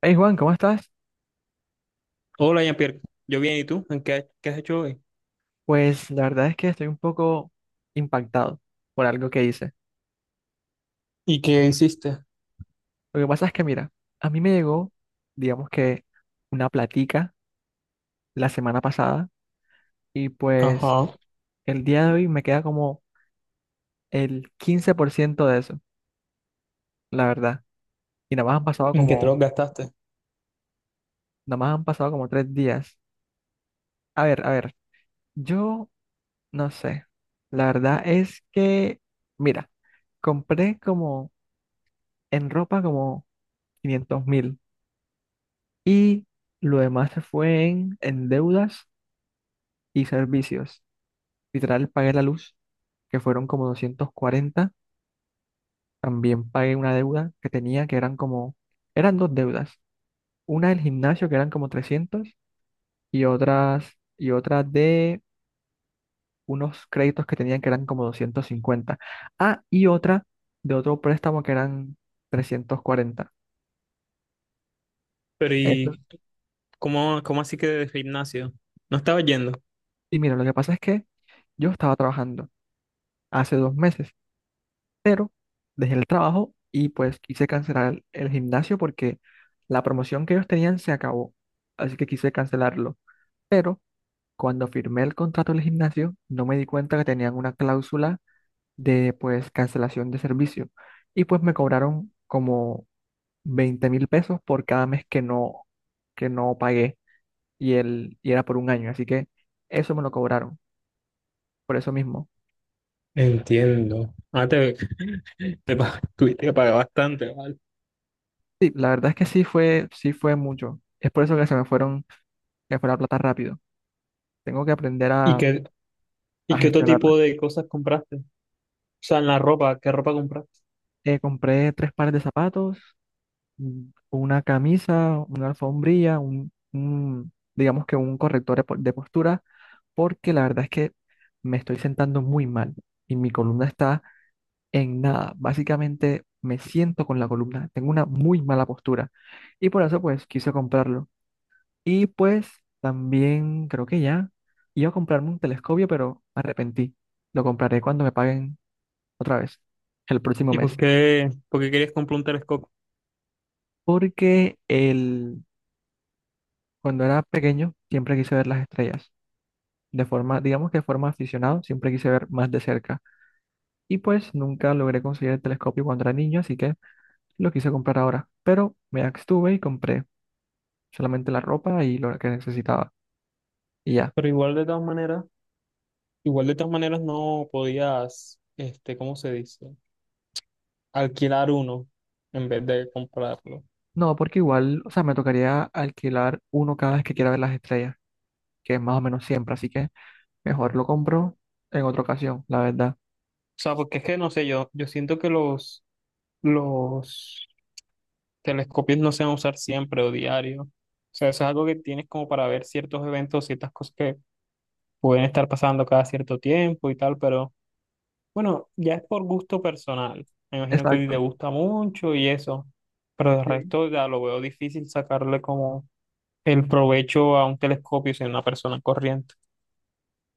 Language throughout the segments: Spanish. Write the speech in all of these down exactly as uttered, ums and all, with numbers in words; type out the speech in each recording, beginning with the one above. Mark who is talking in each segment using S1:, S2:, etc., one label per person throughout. S1: Hey Juan, ¿cómo estás?
S2: Hola, Jean-Pierre. Yo bien, ¿y tú? ¿En qué, qué has hecho hoy?
S1: Pues la verdad es que estoy un poco impactado por algo que hice.
S2: ¿Y qué hiciste?
S1: Lo que pasa es que, mira, a mí me llegó, digamos que, una platica la semana pasada y pues
S2: Ajá.
S1: el día de hoy me queda como el quince por ciento de eso, la verdad. Y nada más han pasado
S2: ¿En qué te
S1: como,
S2: lo gastaste?
S1: nada más han pasado como tres días. A ver, a ver, yo no sé. La verdad es que, mira, compré como en ropa como quinientos mil. Y lo demás se fue en, en deudas y servicios. Literal, pagué la luz, que fueron como doscientos cuarenta. También pagué una deuda que tenía, que eran como, eran dos deudas. Una del gimnasio, que eran como trescientos, y otras, y otra de unos créditos que tenían, que eran como doscientos cincuenta. Ah, y otra de otro préstamo, que eran trescientos cuarenta.
S2: Pero
S1: Eso-
S2: ¿y cómo, cómo así que de gimnasio? ¿No estaba yendo?
S1: Y mira, lo que pasa es que yo estaba trabajando hace dos meses, pero dejé el trabajo y pues quise cancelar el, el gimnasio porque la promoción que ellos tenían se acabó, así que quise cancelarlo. Pero cuando firmé el contrato del gimnasio, no me di cuenta que tenían una cláusula de pues cancelación de servicio y pues me cobraron como veinte mil pesos por cada mes que no, que no pagué y, el, y era por un año, así que eso me lo cobraron, por eso mismo.
S2: Entiendo. Ah, te, te pa- tuviste que pagar bastante, ¿vale?
S1: Sí, la verdad es que sí fue, sí fue mucho. Es por eso que se me fueron, se me fue la plata rápido. Tengo que aprender
S2: ¿Y
S1: a,
S2: qué,
S1: a
S2: y qué otro
S1: gestionarla.
S2: tipo de cosas compraste? O sea, en la ropa, ¿qué ropa compraste?
S1: Eh, compré tres pares de zapatos, mm, una camisa, una alfombrilla, un, un, digamos que un corrector de po- de postura, porque la verdad es que me estoy sentando muy mal y mi columna está en nada. Básicamente me siento con la columna, tengo una muy mala postura y por eso pues quise comprarlo. Y pues también creo que ya iba a comprarme un telescopio, pero me arrepentí. Lo compraré cuando me paguen otra vez el próximo
S2: ¿Y por
S1: mes.
S2: qué, por qué querías comprar un telescopio?
S1: Porque el, cuando era pequeño siempre quise ver las estrellas. De forma, digamos que de forma aficionado, siempre quise ver más de cerca. Y pues nunca logré conseguir el telescopio cuando era niño, así que lo quise comprar ahora. Pero me abstuve y compré solamente la ropa y lo que necesitaba. Y ya.
S2: Pero igual de todas maneras, igual de todas maneras no podías, este, ¿cómo se dice? Alquilar uno en vez de comprarlo.
S1: No, porque igual, o sea, me tocaría alquilar uno cada vez que quiera ver las estrellas, que es más o menos siempre, así que mejor lo compro en otra ocasión, la verdad.
S2: O sea, porque es que no sé, yo, yo siento que los, los telescopios no se van a usar siempre o diario. O sea, eso es algo que tienes como para ver ciertos eventos, ciertas cosas que pueden estar pasando cada cierto tiempo y tal, pero bueno, ya es por gusto personal. Me imagino que a ti te
S1: Exacto.
S2: gusta mucho y eso, pero de
S1: Sí.
S2: resto ya lo veo difícil sacarle como el provecho a un telescopio sin una persona corriente.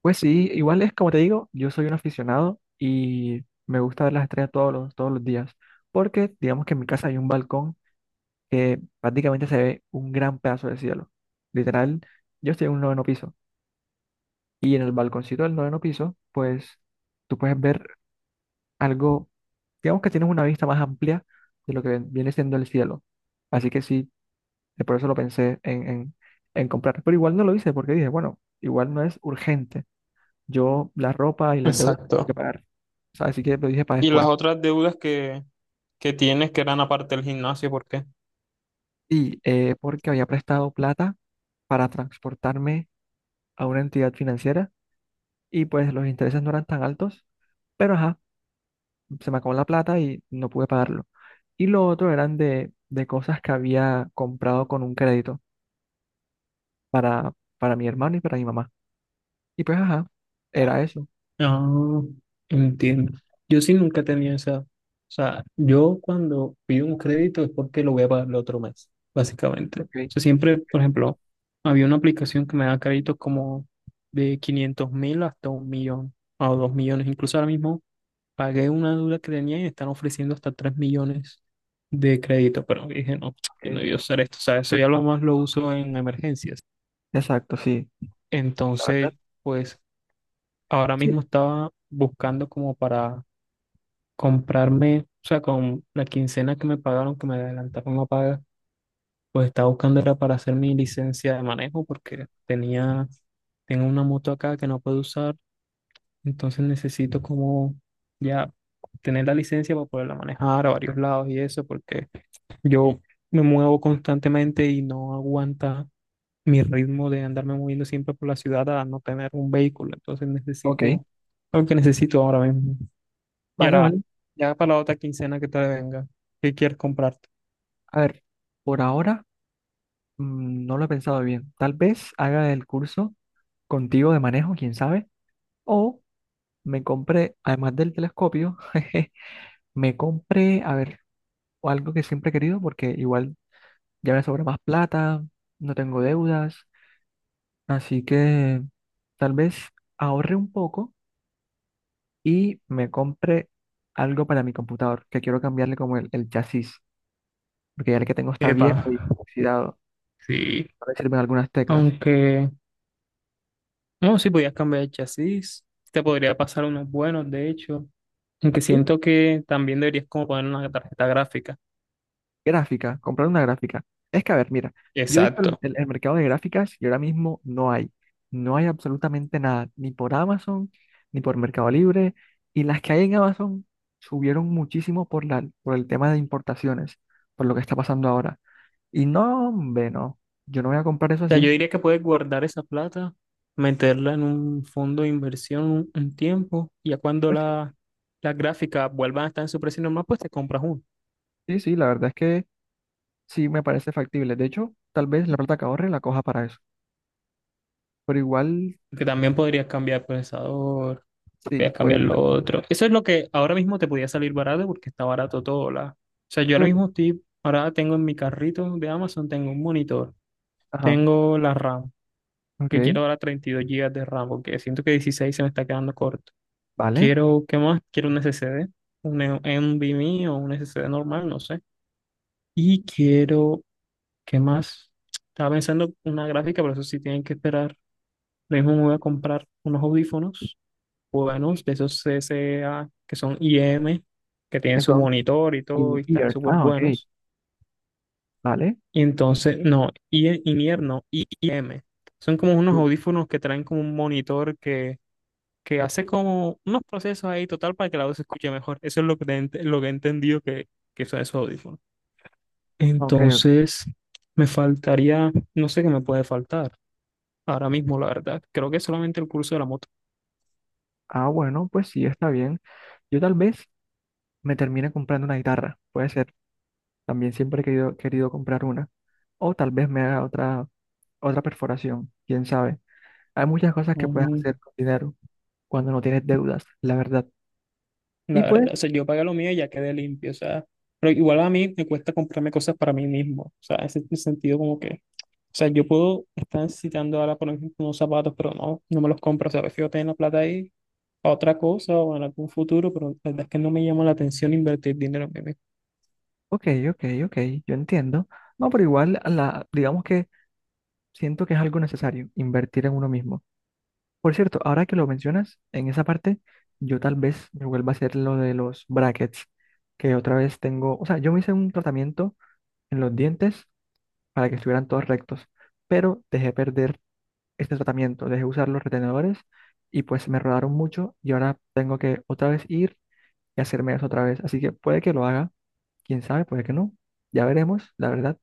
S1: Pues sí, igual es como te digo, yo soy un aficionado y me gusta ver las estrellas todos los, todos los días, porque digamos que en mi casa hay un balcón que prácticamente se ve un gran pedazo de cielo. Literal, yo estoy en un noveno piso y en el balconcito del noveno piso, pues tú puedes ver algo, digamos que tienes una vista más amplia de lo que ven- viene siendo el cielo. Así que sí, eh, por eso lo pensé en, en, en comprar, pero igual no lo hice porque dije, bueno, igual no es urgente. Yo la ropa y las deudas que
S2: Exacto.
S1: pagar. O sea, así que lo dije para
S2: Y las
S1: después.
S2: otras deudas que, que tienes que eran aparte del gimnasio, ¿por qué?
S1: Y eh, porque había prestado plata para transportarme a una entidad financiera y pues los intereses no eran tan altos, pero ajá, se me acabó la plata y no pude pagarlo. Y lo otro eran de, de cosas que había comprado con un crédito para, para mi hermano y para mi mamá. Y pues ajá, era eso.
S2: Ah, entiendo. Yo sí nunca tenía esa. O sea, yo cuando pido un crédito es porque lo voy a pagar el otro mes, básicamente. O
S1: Ok,
S2: sea, siempre, por ejemplo, había una aplicación que me da créditos como de quinientos mil hasta un millón o dos millones. Incluso ahora mismo pagué una deuda que tenía y me están ofreciendo hasta tres millones de crédito. Pero dije, no,
S1: ok.
S2: yo no voy a usar esto. O sea, eso ya lo más lo uso en emergencias.
S1: Exacto, sí. La verdad,
S2: Entonces, pues ahora
S1: sí.
S2: mismo estaba buscando como para comprarme, o sea, con la quincena que me pagaron, que me adelantaron la paga, pues estaba buscando era para hacer mi licencia de manejo porque tenía, tengo una moto acá que no puedo usar, entonces necesito como ya tener la licencia para poderla manejar a varios lados y eso, porque yo me muevo constantemente y no aguanta mi ritmo de andarme moviendo siempre por la ciudad a no tener un vehículo, entonces
S1: Ok,
S2: necesito algo que necesito ahora mismo. Y
S1: vale,
S2: ahora,
S1: vale.
S2: ya para la otra quincena que te venga, ¿qué quieres comprarte?
S1: A ver, por ahora. Mm, no lo he pensado bien. Tal vez haga el curso contigo de manejo, quién sabe. O me compré, además del telescopio, jeje, me compré, a ver, algo que siempre he querido porque igual ya me sobra más plata, no tengo deudas. Así que tal vez ahorre un poco y me compre algo para mi computador, que quiero cambiarle como el, el chasis, porque ya el que tengo está
S2: Epa,
S1: viejo y oxidado.
S2: sí.
S1: A ver si sirven algunas teclas.
S2: Aunque, no, sí, podías cambiar el chasis. Te podría pasar unos buenos, de hecho. Aunque
S1: Sí,
S2: siento que también deberías como poner una tarjeta gráfica.
S1: gráfica, comprar una gráfica. Es que, a ver, mira, yo he visto
S2: Exacto.
S1: el,
S2: O
S1: el- el mercado de gráficas y ahora mismo no hay. No hay absolutamente nada, ni por Amazon, ni por Mercado Libre. Y las que hay en Amazon subieron muchísimo por la, por el tema de importaciones, por lo que está pasando ahora. Y no, hombre, no, yo no voy a comprar eso
S2: sea, yo
S1: así.
S2: diría que puedes guardar esa plata, meterla en un fondo de inversión un, un tiempo, y ya cuando
S1: Pues sí,
S2: la, las gráficas vuelvan a estar en su precio normal, pues te compras uno.
S1: sí, sí, la verdad es que sí me parece factible. De hecho, tal vez la plata que ahorre la coja para eso. Pero igual,
S2: Que también podrías cambiar el procesador voy a
S1: sí, puede
S2: cambiar
S1: ser.
S2: lo otro. Eso es lo que ahora mismo te podía salir barato porque está barato todo. La... O sea, yo
S1: Sí,
S2: ahora mismo estoy, ahora tengo en mi carrito de Amazon, tengo un monitor,
S1: ajá,
S2: tengo la RAM, que
S1: ok,
S2: quiero ahora treinta y dos gigas de RAM porque siento que dieciséis se me está quedando corto.
S1: vale.
S2: Quiero, ¿qué más? Quiero un S S D, un E- NVMe o un S S D normal, no sé. Y quiero, ¿qué más? Estaba pensando una gráfica, pero eso sí tienen que esperar. Lo mismo me voy a comprar unos audífonos buenos, de esos C C A que son I M, que tienen su
S1: Eso
S2: monitor y todo, y
S1: in
S2: están
S1: ear.
S2: súper
S1: Ah, ok.
S2: buenos.
S1: Vale.
S2: Y entonces, no, I- in ear no, I M. Son como unos
S1: Y-
S2: audífonos que traen como un monitor que, que hace como unos procesos ahí total para que la voz se escuche mejor. Eso es lo que, te ent- lo que he entendido que, que son esos audífonos.
S1: Ok, ok.
S2: Entonces, me faltaría, no sé qué me puede faltar ahora mismo, la verdad. Creo que solamente el curso de la moto.
S1: Ah, bueno, pues sí, está bien. Yo tal vez me termine comprando una guitarra. Puede ser. También siempre he querido, querido comprar una. O tal vez me haga otra, otra perforación. Quién sabe. Hay muchas cosas que puedes
S2: Mm.
S1: hacer con dinero cuando no tienes deudas, la verdad. Y
S2: La
S1: pues,
S2: verdad, o sea, yo pagué lo mío y ya quedé limpio, o sea, pero igual a mí me cuesta comprarme cosas para mí mismo, o sea, ese es el sentido como que, o sea, yo puedo estar necesitando ahora, por ejemplo, unos zapatos, pero no, no me los compro, o sea, prefiero tener la plata ahí para otra cosa o en algún futuro, pero la verdad es que no me llama la atención invertir dinero en mí mismo.
S1: ok, ok, ok. Yo entiendo. No, pero igual, la, digamos que siento que es algo necesario, invertir en uno mismo. Por cierto, ahora que lo mencionas, en esa parte, yo tal vez me vuelva a hacer lo de los brackets, que otra vez tengo, o sea, yo me hice un tratamiento en los dientes para que estuvieran todos rectos, pero dejé perder este tratamiento, dejé usar los retenedores y pues me rodaron mucho y ahora tengo que otra vez ir y hacerme eso otra vez. Así que puede que lo haga, quién sabe, puede que no, ya veremos, la verdad,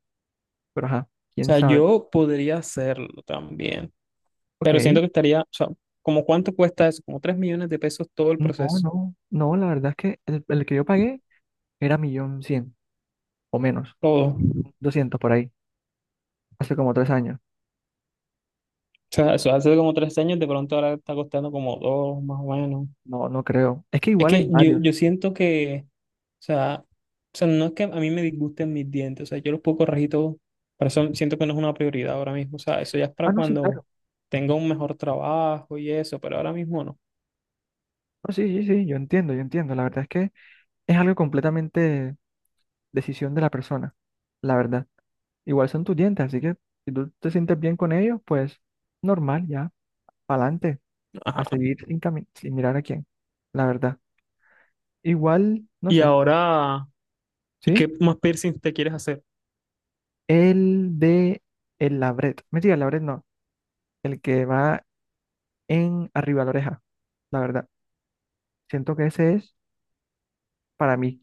S1: pero ajá,
S2: O
S1: quién
S2: sea,
S1: sabe.
S2: yo podría hacerlo también,
S1: Ok,
S2: pero siento que estaría, o sea, como cuánto cuesta eso, como tres millones de pesos todo el
S1: no,
S2: proceso,
S1: no, no, la verdad es que el, el que yo pagué era millón cien, o menos,
S2: todo.
S1: doscientos por ahí, hace como tres años.
S2: O sea, eso hace como tres años, de pronto ahora está costando como dos, más o menos.
S1: No, no creo. Es que
S2: Es
S1: igual hay
S2: que yo,
S1: varios.
S2: yo siento que, o sea, o sea, no es que a mí me disgusten mis dientes, o sea, yo los puedo corregir todo, pero eso siento que no es una prioridad ahora mismo, o sea, eso ya es
S1: Ah,
S2: para
S1: no, sí,
S2: cuando
S1: claro.
S2: tenga un mejor trabajo y eso, pero ahora mismo no.
S1: No, sí, sí, sí, yo entiendo, yo entiendo. La verdad es que es algo completamente decisión de la persona, la verdad. Igual son tus dientes, así que si tú te sientes bien con ellos, pues normal, ya, para adelante,
S2: Ajá.
S1: a seguir sin, cami- sin mirar a quién, la verdad. Igual, no
S2: Y
S1: sé,
S2: ahora, ¿y qué
S1: ¿sí?
S2: más piercing te quieres hacer?
S1: El de el labret. Mentira, el labret no. El que va en arriba de la oreja, la verdad. Siento que ese es para mí.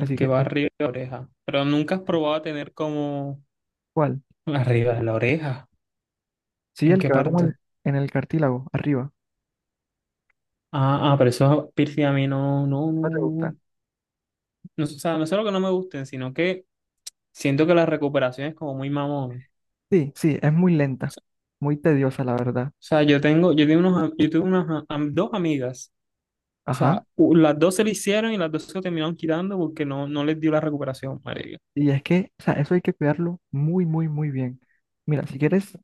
S2: El que
S1: que
S2: va
S1: sí.
S2: arriba de la oreja, pero nunca has probado a tener como
S1: ¿Cuál?
S2: arriba de la oreja,
S1: Sí,
S2: ¿en
S1: el
S2: qué
S1: que va como el-
S2: parte?
S1: en el cartílago, arriba.
S2: Ah, ah, pero eso piercing a mí no, no, no,
S1: ¿No te gusta?
S2: no, no, o sea, no es solo que no me gusten, sino que siento que la recuperación es como muy mamón.
S1: Sí, sí, es muy lenta,
S2: O
S1: muy tediosa, la verdad.
S2: sea, yo tengo, yo tengo unos, am- yo tuve unas a- am- dos amigas. O
S1: Ajá.
S2: sea, u- las dos se le hicieron y las dos se lo terminaron quitando porque no, no les dio la recuperación, marica.
S1: Y es que, o sea, eso hay que cuidarlo muy, muy, muy bien. Mira, si quieres,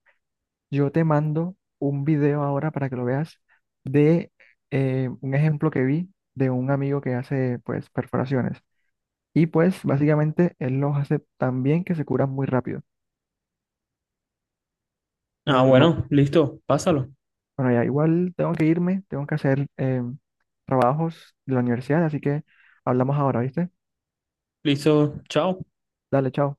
S1: yo te mando un video ahora para que lo veas de eh, un ejemplo que vi de un amigo que hace, pues, perforaciones. Y pues, básicamente, él los hace tan bien que se curan muy rápido. La
S2: Ah,
S1: verdad.
S2: bueno, listo, pásalo.
S1: Bueno, ya igual tengo que irme, tengo que hacer em, trabajos de la universidad, así que hablamos ahora, ¿viste?
S2: Listo, chao.
S1: Dale, chao.